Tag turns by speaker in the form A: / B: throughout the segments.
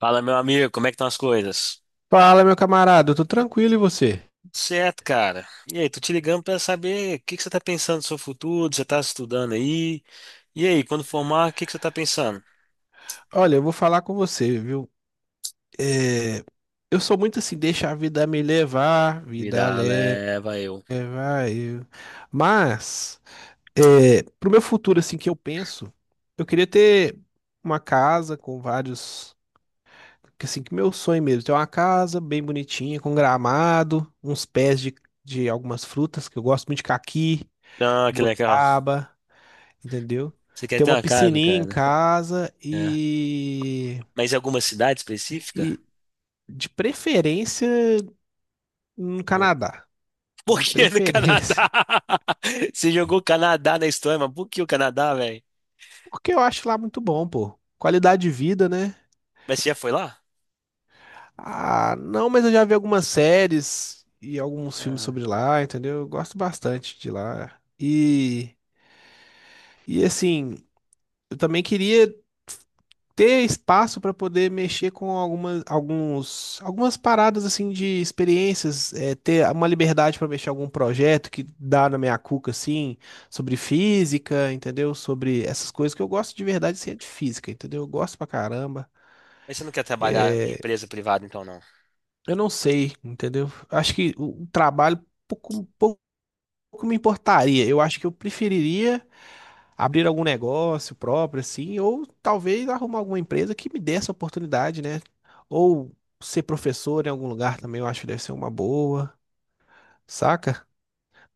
A: Fala, meu amigo, como é que estão as coisas?
B: Fala, meu camarada, eu tô tranquilo e você?
A: Certo, cara. E aí, tô te ligando pra saber o que que você tá pensando no seu futuro, você tá estudando aí? E aí, quando formar, o que que você tá pensando?
B: Olha, eu vou falar com você, viu? É, eu sou muito assim, deixa a vida me levar, vida
A: Vida
B: leva
A: leva eu.
B: eu. Mas, pro meu futuro, assim, que eu penso, eu queria ter uma casa com vários, que, assim, que meu sonho mesmo, ter uma casa bem bonitinha, com gramado, uns pés de algumas frutas, que eu gosto muito de caqui,
A: Ah, que legal.
B: goiaba. Entendeu?
A: Você quer
B: Ter
A: ter
B: uma
A: uma casa,
B: piscininha em
A: cara?
B: casa
A: É. Mas em alguma cidade específica?
B: e de preferência no
A: Onde?
B: Canadá,
A: Por
B: de
A: que no
B: preferência,
A: Canadá? Você jogou o Canadá na história, mas por que o Canadá, velho?
B: porque eu acho lá muito bom, pô. Qualidade de vida, né?
A: Mas você já foi lá?
B: Ah, não, mas eu já vi algumas séries e alguns filmes
A: Aham.
B: sobre lá, entendeu? Eu gosto bastante de lá. E, assim, eu também queria ter espaço para poder mexer com algumas, alguns, algumas paradas assim de experiências, ter uma liberdade para mexer em algum projeto que dá na minha cuca assim, sobre física, entendeu? Sobre essas coisas que eu gosto de verdade assim, é de física, entendeu? Eu gosto pra caramba.
A: Mas você não quer trabalhar em
B: É,
A: empresa privada, então, não?
B: eu não sei, entendeu? Acho que o trabalho pouco me importaria. Eu acho que eu preferiria abrir algum negócio próprio, assim, ou talvez arrumar alguma empresa que me dê essa oportunidade, né? Ou ser professor em algum lugar também, eu acho que deve ser uma boa, saca?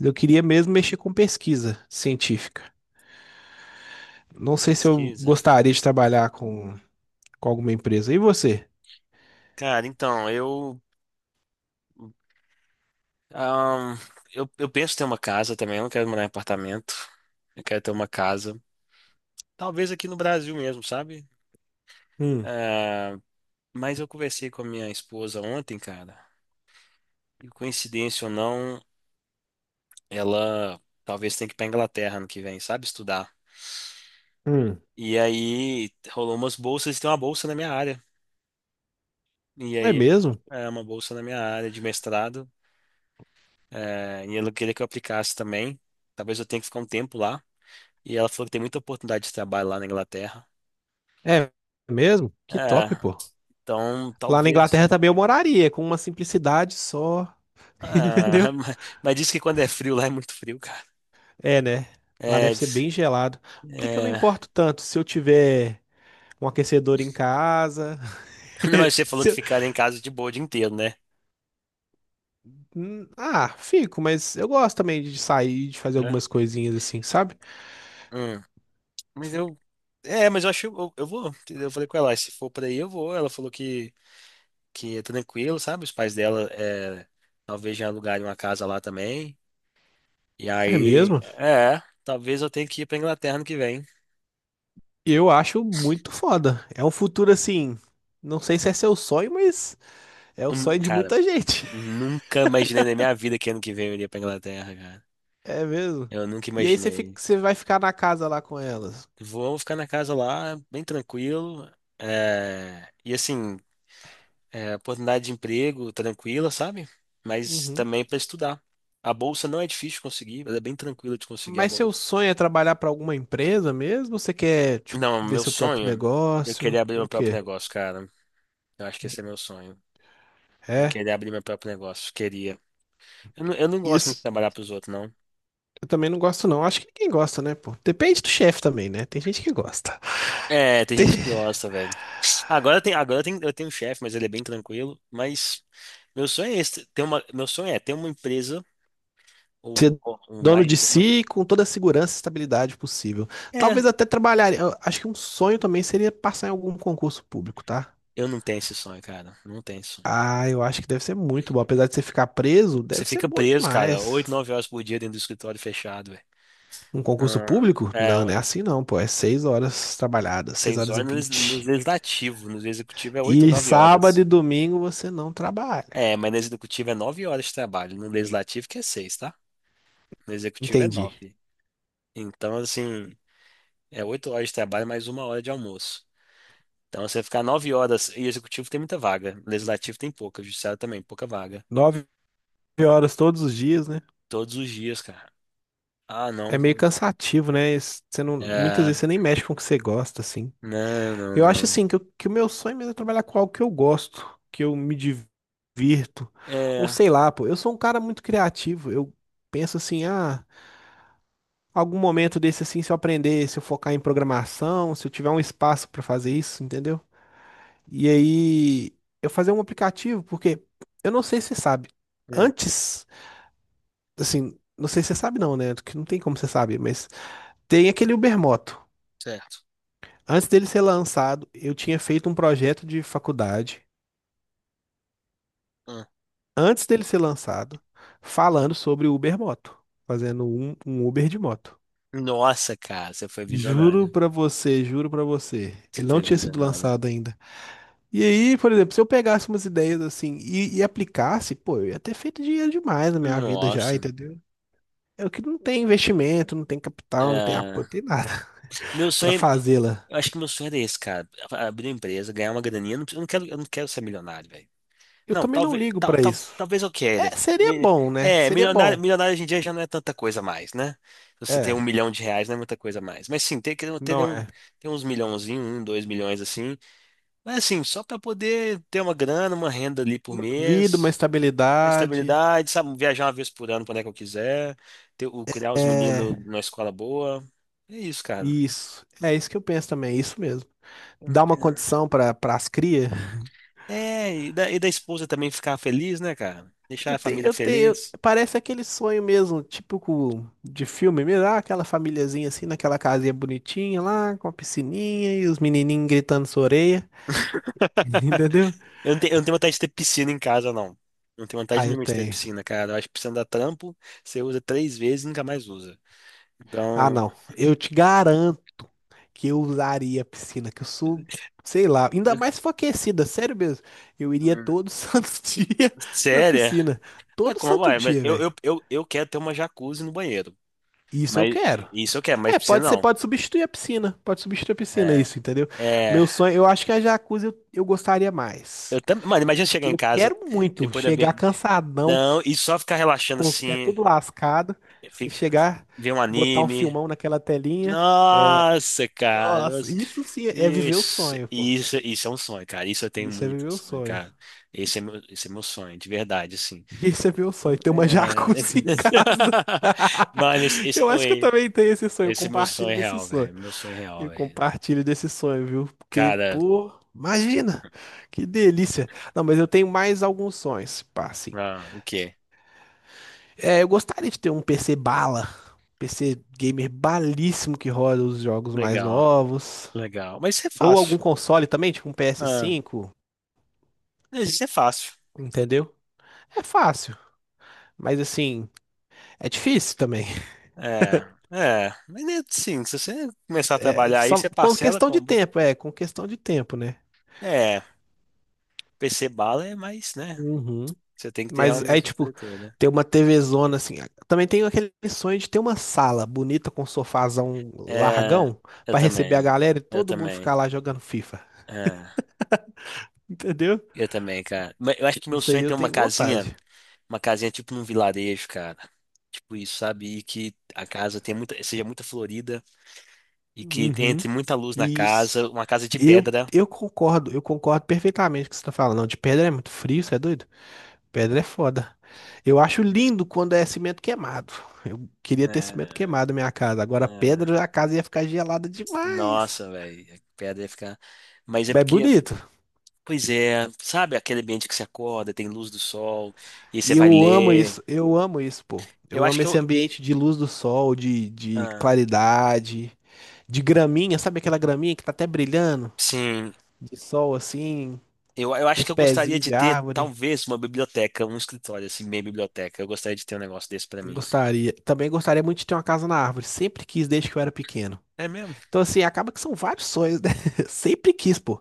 B: Eu queria mesmo mexer com pesquisa científica. Não sei se eu
A: Pesquisa.
B: gostaria de trabalhar com, alguma empresa. E você?
A: Cara, então, Ahn, eu penso em ter uma casa também, eu não quero morar em apartamento. Eu quero ter uma casa. Talvez aqui no Brasil mesmo, sabe?
B: Hum,
A: Ah, mas eu conversei com a minha esposa ontem, cara. E coincidência ou não, ela talvez tenha que ir pra Inglaterra ano que vem, sabe? Estudar.
B: hum.
A: E aí rolou umas bolsas, e tem uma bolsa na minha área. E
B: É
A: aí
B: mesmo?
A: é uma bolsa na minha área de mestrado. E ela queria que eu aplicasse também. Talvez eu tenha que ficar um tempo lá. E ela falou que tem muita oportunidade de trabalho lá na Inglaterra.
B: É mesmo? Que top,
A: É,
B: pô.
A: então,
B: Lá na
A: talvez.
B: Inglaterra também eu moraria, com uma simplicidade só, entendeu?
A: Ah, mas, diz que quando é frio lá é muito frio, cara.
B: É, né? Lá
A: É,
B: deve ser bem gelado. Até que eu não
A: é...
B: importo tanto se eu tiver um aquecedor em casa.
A: Não, mas você falou
B: Se
A: de
B: eu-
A: ficar em casa de boa o dia inteiro, né?
B: Ah, fico, mas eu gosto também de sair, de fazer
A: É.
B: algumas coisinhas assim, sabe?
A: Hum. Mas eu. É, mas eu acho. Eu vou. Eu falei com ela, "Ah, se for pra aí, eu vou. Ela falou que é tranquilo, sabe? Os pais dela é, talvez já alugarem uma casa lá também. E
B: É
A: aí.
B: mesmo?
A: É, talvez eu tenha que ir pra Inglaterra ano que vem.
B: Eu acho muito foda. É um futuro assim. Não sei se é seu sonho, mas é o sonho de
A: Cara,
B: muita gente.
A: nunca imaginei na minha vida que ano que vem eu iria pra Inglaterra, cara.
B: É mesmo?
A: Eu nunca
B: E aí você
A: imaginei.
B: você vai ficar na casa lá com elas.
A: Vou ficar na casa lá, bem tranquilo. É, e assim, é, oportunidade de emprego tranquila, sabe? Mas
B: Uhum.
A: também para estudar. A bolsa não é difícil de conseguir, ela é bem tranquila de conseguir a
B: Mas seu
A: bolsa.
B: sonho é trabalhar para alguma empresa mesmo? Você quer, tipo,
A: Não,
B: ver
A: meu
B: seu próprio
A: sonho, eu
B: negócio?
A: queria abrir meu
B: O
A: próprio
B: quê?
A: negócio, cara. Eu acho que esse é meu sonho. Eu
B: É,
A: queria abrir meu próprio negócio, queria. Eu não gosto muito de
B: isso
A: trabalhar pros outros, não.
B: eu também não gosto não. Acho que ninguém gosta, né, pô? Depende do chefe também, né? Tem gente que gosta.
A: É, tem gente que gosta, velho. Eu tenho um chefe, mas ele é bem tranquilo. Mas meu sonho é esse, ter uma, meu sonho é ter uma empresa.
B: Ser
A: Ou um
B: dono
A: mais
B: de
A: de uma.
B: si com toda a segurança e estabilidade possível.
A: É,
B: Talvez até trabalhar. Eu acho que um sonho também seria passar em algum concurso público, tá?
A: eu não tenho esse sonho, cara. Não tenho esse sonho.
B: Ah, eu acho que deve ser muito bom. Apesar de você ficar preso,
A: Você
B: deve ser
A: fica
B: bom
A: preso, cara, oito,
B: demais.
A: nove horas por dia dentro do escritório fechado,
B: Um concurso
A: velho.
B: público?
A: Ah, é,
B: Não, não é
A: ué.
B: assim não, pô. É seis horas trabalhadas, seis
A: Seis
B: horas e
A: horas no, no
B: vinte.
A: legislativo. No executivo é oito ou
B: E
A: nove
B: sábado
A: horas.
B: e domingo você não
A: É,
B: trabalha.
A: mas no executivo é nove horas de trabalho. No legislativo que é seis, tá? No executivo é
B: Entendi.
A: nove. Então, assim, é oito horas de trabalho mais uma hora de almoço. Então, você ficar nove horas. E executivo tem muita vaga. Legislativo tem pouca. Judiciário também, pouca vaga.
B: Nove horas todos os dias, né?
A: Todos os dias, cara. Ah,
B: É
A: não.
B: meio cansativo, né? Você não, muitas
A: É,
B: vezes você nem mexe com o que você gosta, assim.
A: não, não,
B: Eu acho,
A: não.
B: assim, que, que o meu sonho mesmo é trabalhar com algo que eu gosto, que eu me divirto. Ou
A: É,
B: sei lá, pô. Eu sou um cara muito criativo. Eu penso assim, ah, algum momento desse, assim, se eu aprender, se eu focar em programação, se eu tiver um espaço pra fazer isso, entendeu? E aí eu fazia um aplicativo, porque eu não sei se você sabe.
A: hum,
B: Antes, assim, não sei se você sabe não, né? Que não tem como você saber, mas tem aquele Ubermoto.
A: certo.
B: Antes dele ser lançado, eu tinha feito um projeto de faculdade,
A: Hum.
B: antes dele ser lançado, falando sobre o Ubermoto, fazendo um, Uber de moto.
A: Nossa, cara, você foi visionário.
B: Juro pra você,
A: Você
B: ele não
A: foi
B: tinha sido
A: visionário.
B: lançado ainda. E aí, por exemplo, se eu pegasse umas ideias assim e aplicasse, pô, eu ia ter feito dinheiro demais na minha vida já,
A: Nossa.
B: entendeu? É o que não tem investimento, não tem capital, não tem apoio, não
A: É,
B: tem nada
A: meu
B: pra
A: sonho,
B: fazê-la.
A: eu acho que meu sonho era esse, cara. Abrir uma empresa, ganhar uma graninha. Eu não quero, eu não quero ser milionário, velho.
B: Eu
A: Não,
B: também não ligo pra isso.
A: talvez eu queira.
B: É, seria
A: Mi-
B: bom, né?
A: É,
B: Seria bom.
A: milionário hoje em dia já não é tanta coisa mais, né? Você ter um
B: É,
A: milhão de reais não é muita coisa mais. Mas sim, ter,
B: não
A: um,
B: é.
A: ter uns milhãozinhos, um, dois milhões assim. Mas assim, só para poder ter uma grana, uma renda ali por
B: Uma vida, uma
A: mês, uma
B: estabilidade.
A: estabilidade, sabe? Viajar uma vez por ano para onde é que eu quiser, criar os
B: É,
A: meninos numa escola boa. É isso, cara.
B: isso. É isso que eu penso também, é isso mesmo. Dar uma condição para as cria.
A: É, e da esposa também ficar feliz, né, cara? Deixar
B: Eu
A: a
B: tenho,
A: família
B: eu tenho,
A: feliz.
B: parece aquele sonho mesmo, típico de filme mesmo, ah, aquela famíliazinha assim, naquela casinha bonitinha lá, com a piscininha e os menininhos gritando sua orelha, entendeu?
A: Eu não tenho vontade de ter piscina em casa, não. Não tenho vontade
B: Ah, eu
A: nenhuma de ter
B: tenho.
A: piscina, cara. Eu acho que piscina dá trampo, você usa três vezes e nunca mais usa.
B: Ah,
A: Então,
B: não. Eu te garanto que eu usaria a piscina, que eu sou, sei lá, ainda
A: eu-
B: mais se for aquecida, sério mesmo. Eu iria
A: hum,
B: todo santo dia na
A: sério? É?
B: piscina.
A: Mas
B: Todo
A: como
B: santo
A: vai? Mas
B: dia, velho.
A: eu quero ter uma jacuzzi no banheiro.
B: Isso eu
A: Mas
B: quero.
A: isso eu quero, mas
B: É,
A: piscina
B: pode ser,
A: não.
B: pode substituir a piscina. Pode substituir a piscina,
A: É,
B: isso, entendeu?
A: é,
B: Meu sonho, eu acho que a jacuzzi eu gostaria
A: eu
B: mais.
A: também, mano, imagina chegar
B: Que
A: em
B: eu
A: casa
B: quero muito
A: depois da
B: chegar
A: bi-
B: cansadão,
A: não e só ficar relaxando
B: com os pés
A: assim,
B: tudo lascado, se
A: fica,
B: chegar,
A: ver um
B: botar um
A: anime.
B: filmão naquela telinha. É,
A: Nossa, cara.
B: nossa,
A: Nossa.
B: isso sim é viver o sonho, pô.
A: Isso é um sonho, cara. Isso eu tenho
B: Isso é
A: muito
B: viver o
A: sonho,
B: sonho.
A: cara. Esse é meu sonho, de verdade, assim.
B: Isso é viver o sonho. Ter uma
A: É...
B: jacuzzi em casa.
A: Mano,
B: Eu acho que eu
A: oi,
B: também tenho esse sonho. Eu
A: esse é meu
B: compartilho
A: sonho
B: desse
A: real,
B: sonho.
A: velho. Meu sonho real,
B: Eu
A: velho.
B: compartilho desse sonho, viu? Porque,
A: Cara,
B: pô, imagina! Que delícia! Não, mas eu tenho mais alguns sonhos, pá, assim.
A: ah, o quê?
B: É, eu gostaria de ter um PC bala, PC gamer balíssimo que roda os jogos mais
A: Legal.
B: novos.
A: Legal. Mas isso é
B: Ou
A: fácil.
B: algum console também, tipo um ps
A: Ah,
B: cinco,
A: isso é fácil.
B: entendeu? É fácil, mas assim, é difícil também.
A: É, é. Mas é assim, se você começar a
B: É
A: trabalhar aí,
B: só
A: você
B: com
A: parcela,
B: questão de
A: compra.
B: tempo, com questão de tempo, né?
A: É, PC bala é mais, né?
B: Uhum.
A: Você tem que ter
B: Mas aí,
A: realmente
B: tipo,
A: estrutura, né?
B: ter uma TVzona assim. Também tenho aquele sonho de ter uma sala bonita com um sofazão
A: É,
B: largão
A: eu
B: pra receber a
A: também.
B: galera e
A: Eu
B: todo mundo
A: também.
B: ficar lá jogando FIFA.
A: É,
B: Entendeu?
A: eu também, cara. Mas eu acho que meu
B: Isso
A: sonho
B: aí
A: é
B: eu
A: ter
B: tenho vontade.
A: uma casinha tipo num vilarejo, cara. Tipo isso, sabe? E que a casa tenha muita, seja muito florida e que entre
B: Uhum.
A: muita luz na
B: Isso.
A: casa, uma casa de
B: Eu,
A: pedra.
B: eu concordo, eu concordo perfeitamente com o que você tá falando. Não, de pedra é muito frio, você é doido? Pedra é foda. Eu acho lindo quando é cimento queimado. Eu queria ter cimento
A: É,
B: queimado na minha casa. Agora,
A: é.
B: pedra, a casa ia ficar gelada demais.
A: Nossa, velho, a pedra ia ficar. Mas é
B: É
A: porque,
B: bonito.
A: pois é, sabe aquele ambiente que você acorda, tem luz do sol, e aí você
B: E
A: vai
B: eu amo
A: ler.
B: isso. Eu amo isso, pô.
A: Eu
B: Eu
A: acho
B: amo
A: que eu.
B: esse ambiente de luz do sol, de, de
A: Ah,
B: claridade, de graminha. Sabe aquela graminha que tá até brilhando?
A: sim,
B: De sol, assim,
A: eu acho
B: uns
A: que eu gostaria
B: pezinhos
A: de
B: de
A: ter,
B: árvore.
A: talvez, uma biblioteca, um escritório, assim, meio biblioteca. Eu gostaria de ter um negócio desse pra mim.
B: Gostaria. Também gostaria muito de ter uma casa na árvore. Sempre quis desde que eu era pequeno.
A: É mesmo?
B: Então, assim, acaba que são vários sonhos, né? Sempre quis, pô.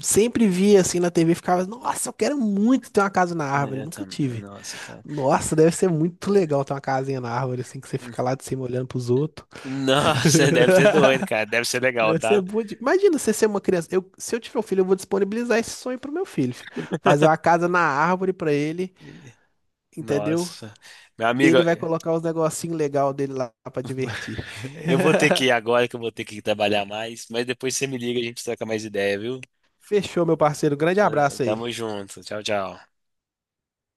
B: Sempre via assim na TV, e ficava, nossa, eu quero muito ter uma casa na
A: É,
B: árvore.
A: eu
B: Nunca
A: também.
B: tive.
A: Nossa, cara.
B: Nossa, deve ser muito
A: É.
B: legal ter uma casinha na árvore, assim, que você fica lá de cima olhando pros outros.
A: Nossa, deve ser doido, cara. Deve ser legal,
B: Deve ser
A: tá?
B: bom. Imagina você ser uma criança. Eu, se eu tiver um filho, eu vou disponibilizar esse sonho pro meu filho. Fi. Fazer uma casa na árvore pra ele, entendeu?
A: Nossa. Meu
B: E
A: amigo.
B: ele vai colocar os negocinhos legal dele lá pra divertir.
A: Eu vou ter que ir agora que eu vou ter que trabalhar mais, mas depois você me liga e a gente troca mais ideia, viu?
B: Fechou, meu parceiro. Grande abraço
A: Tamo
B: aí.
A: junto. Tchau, tchau.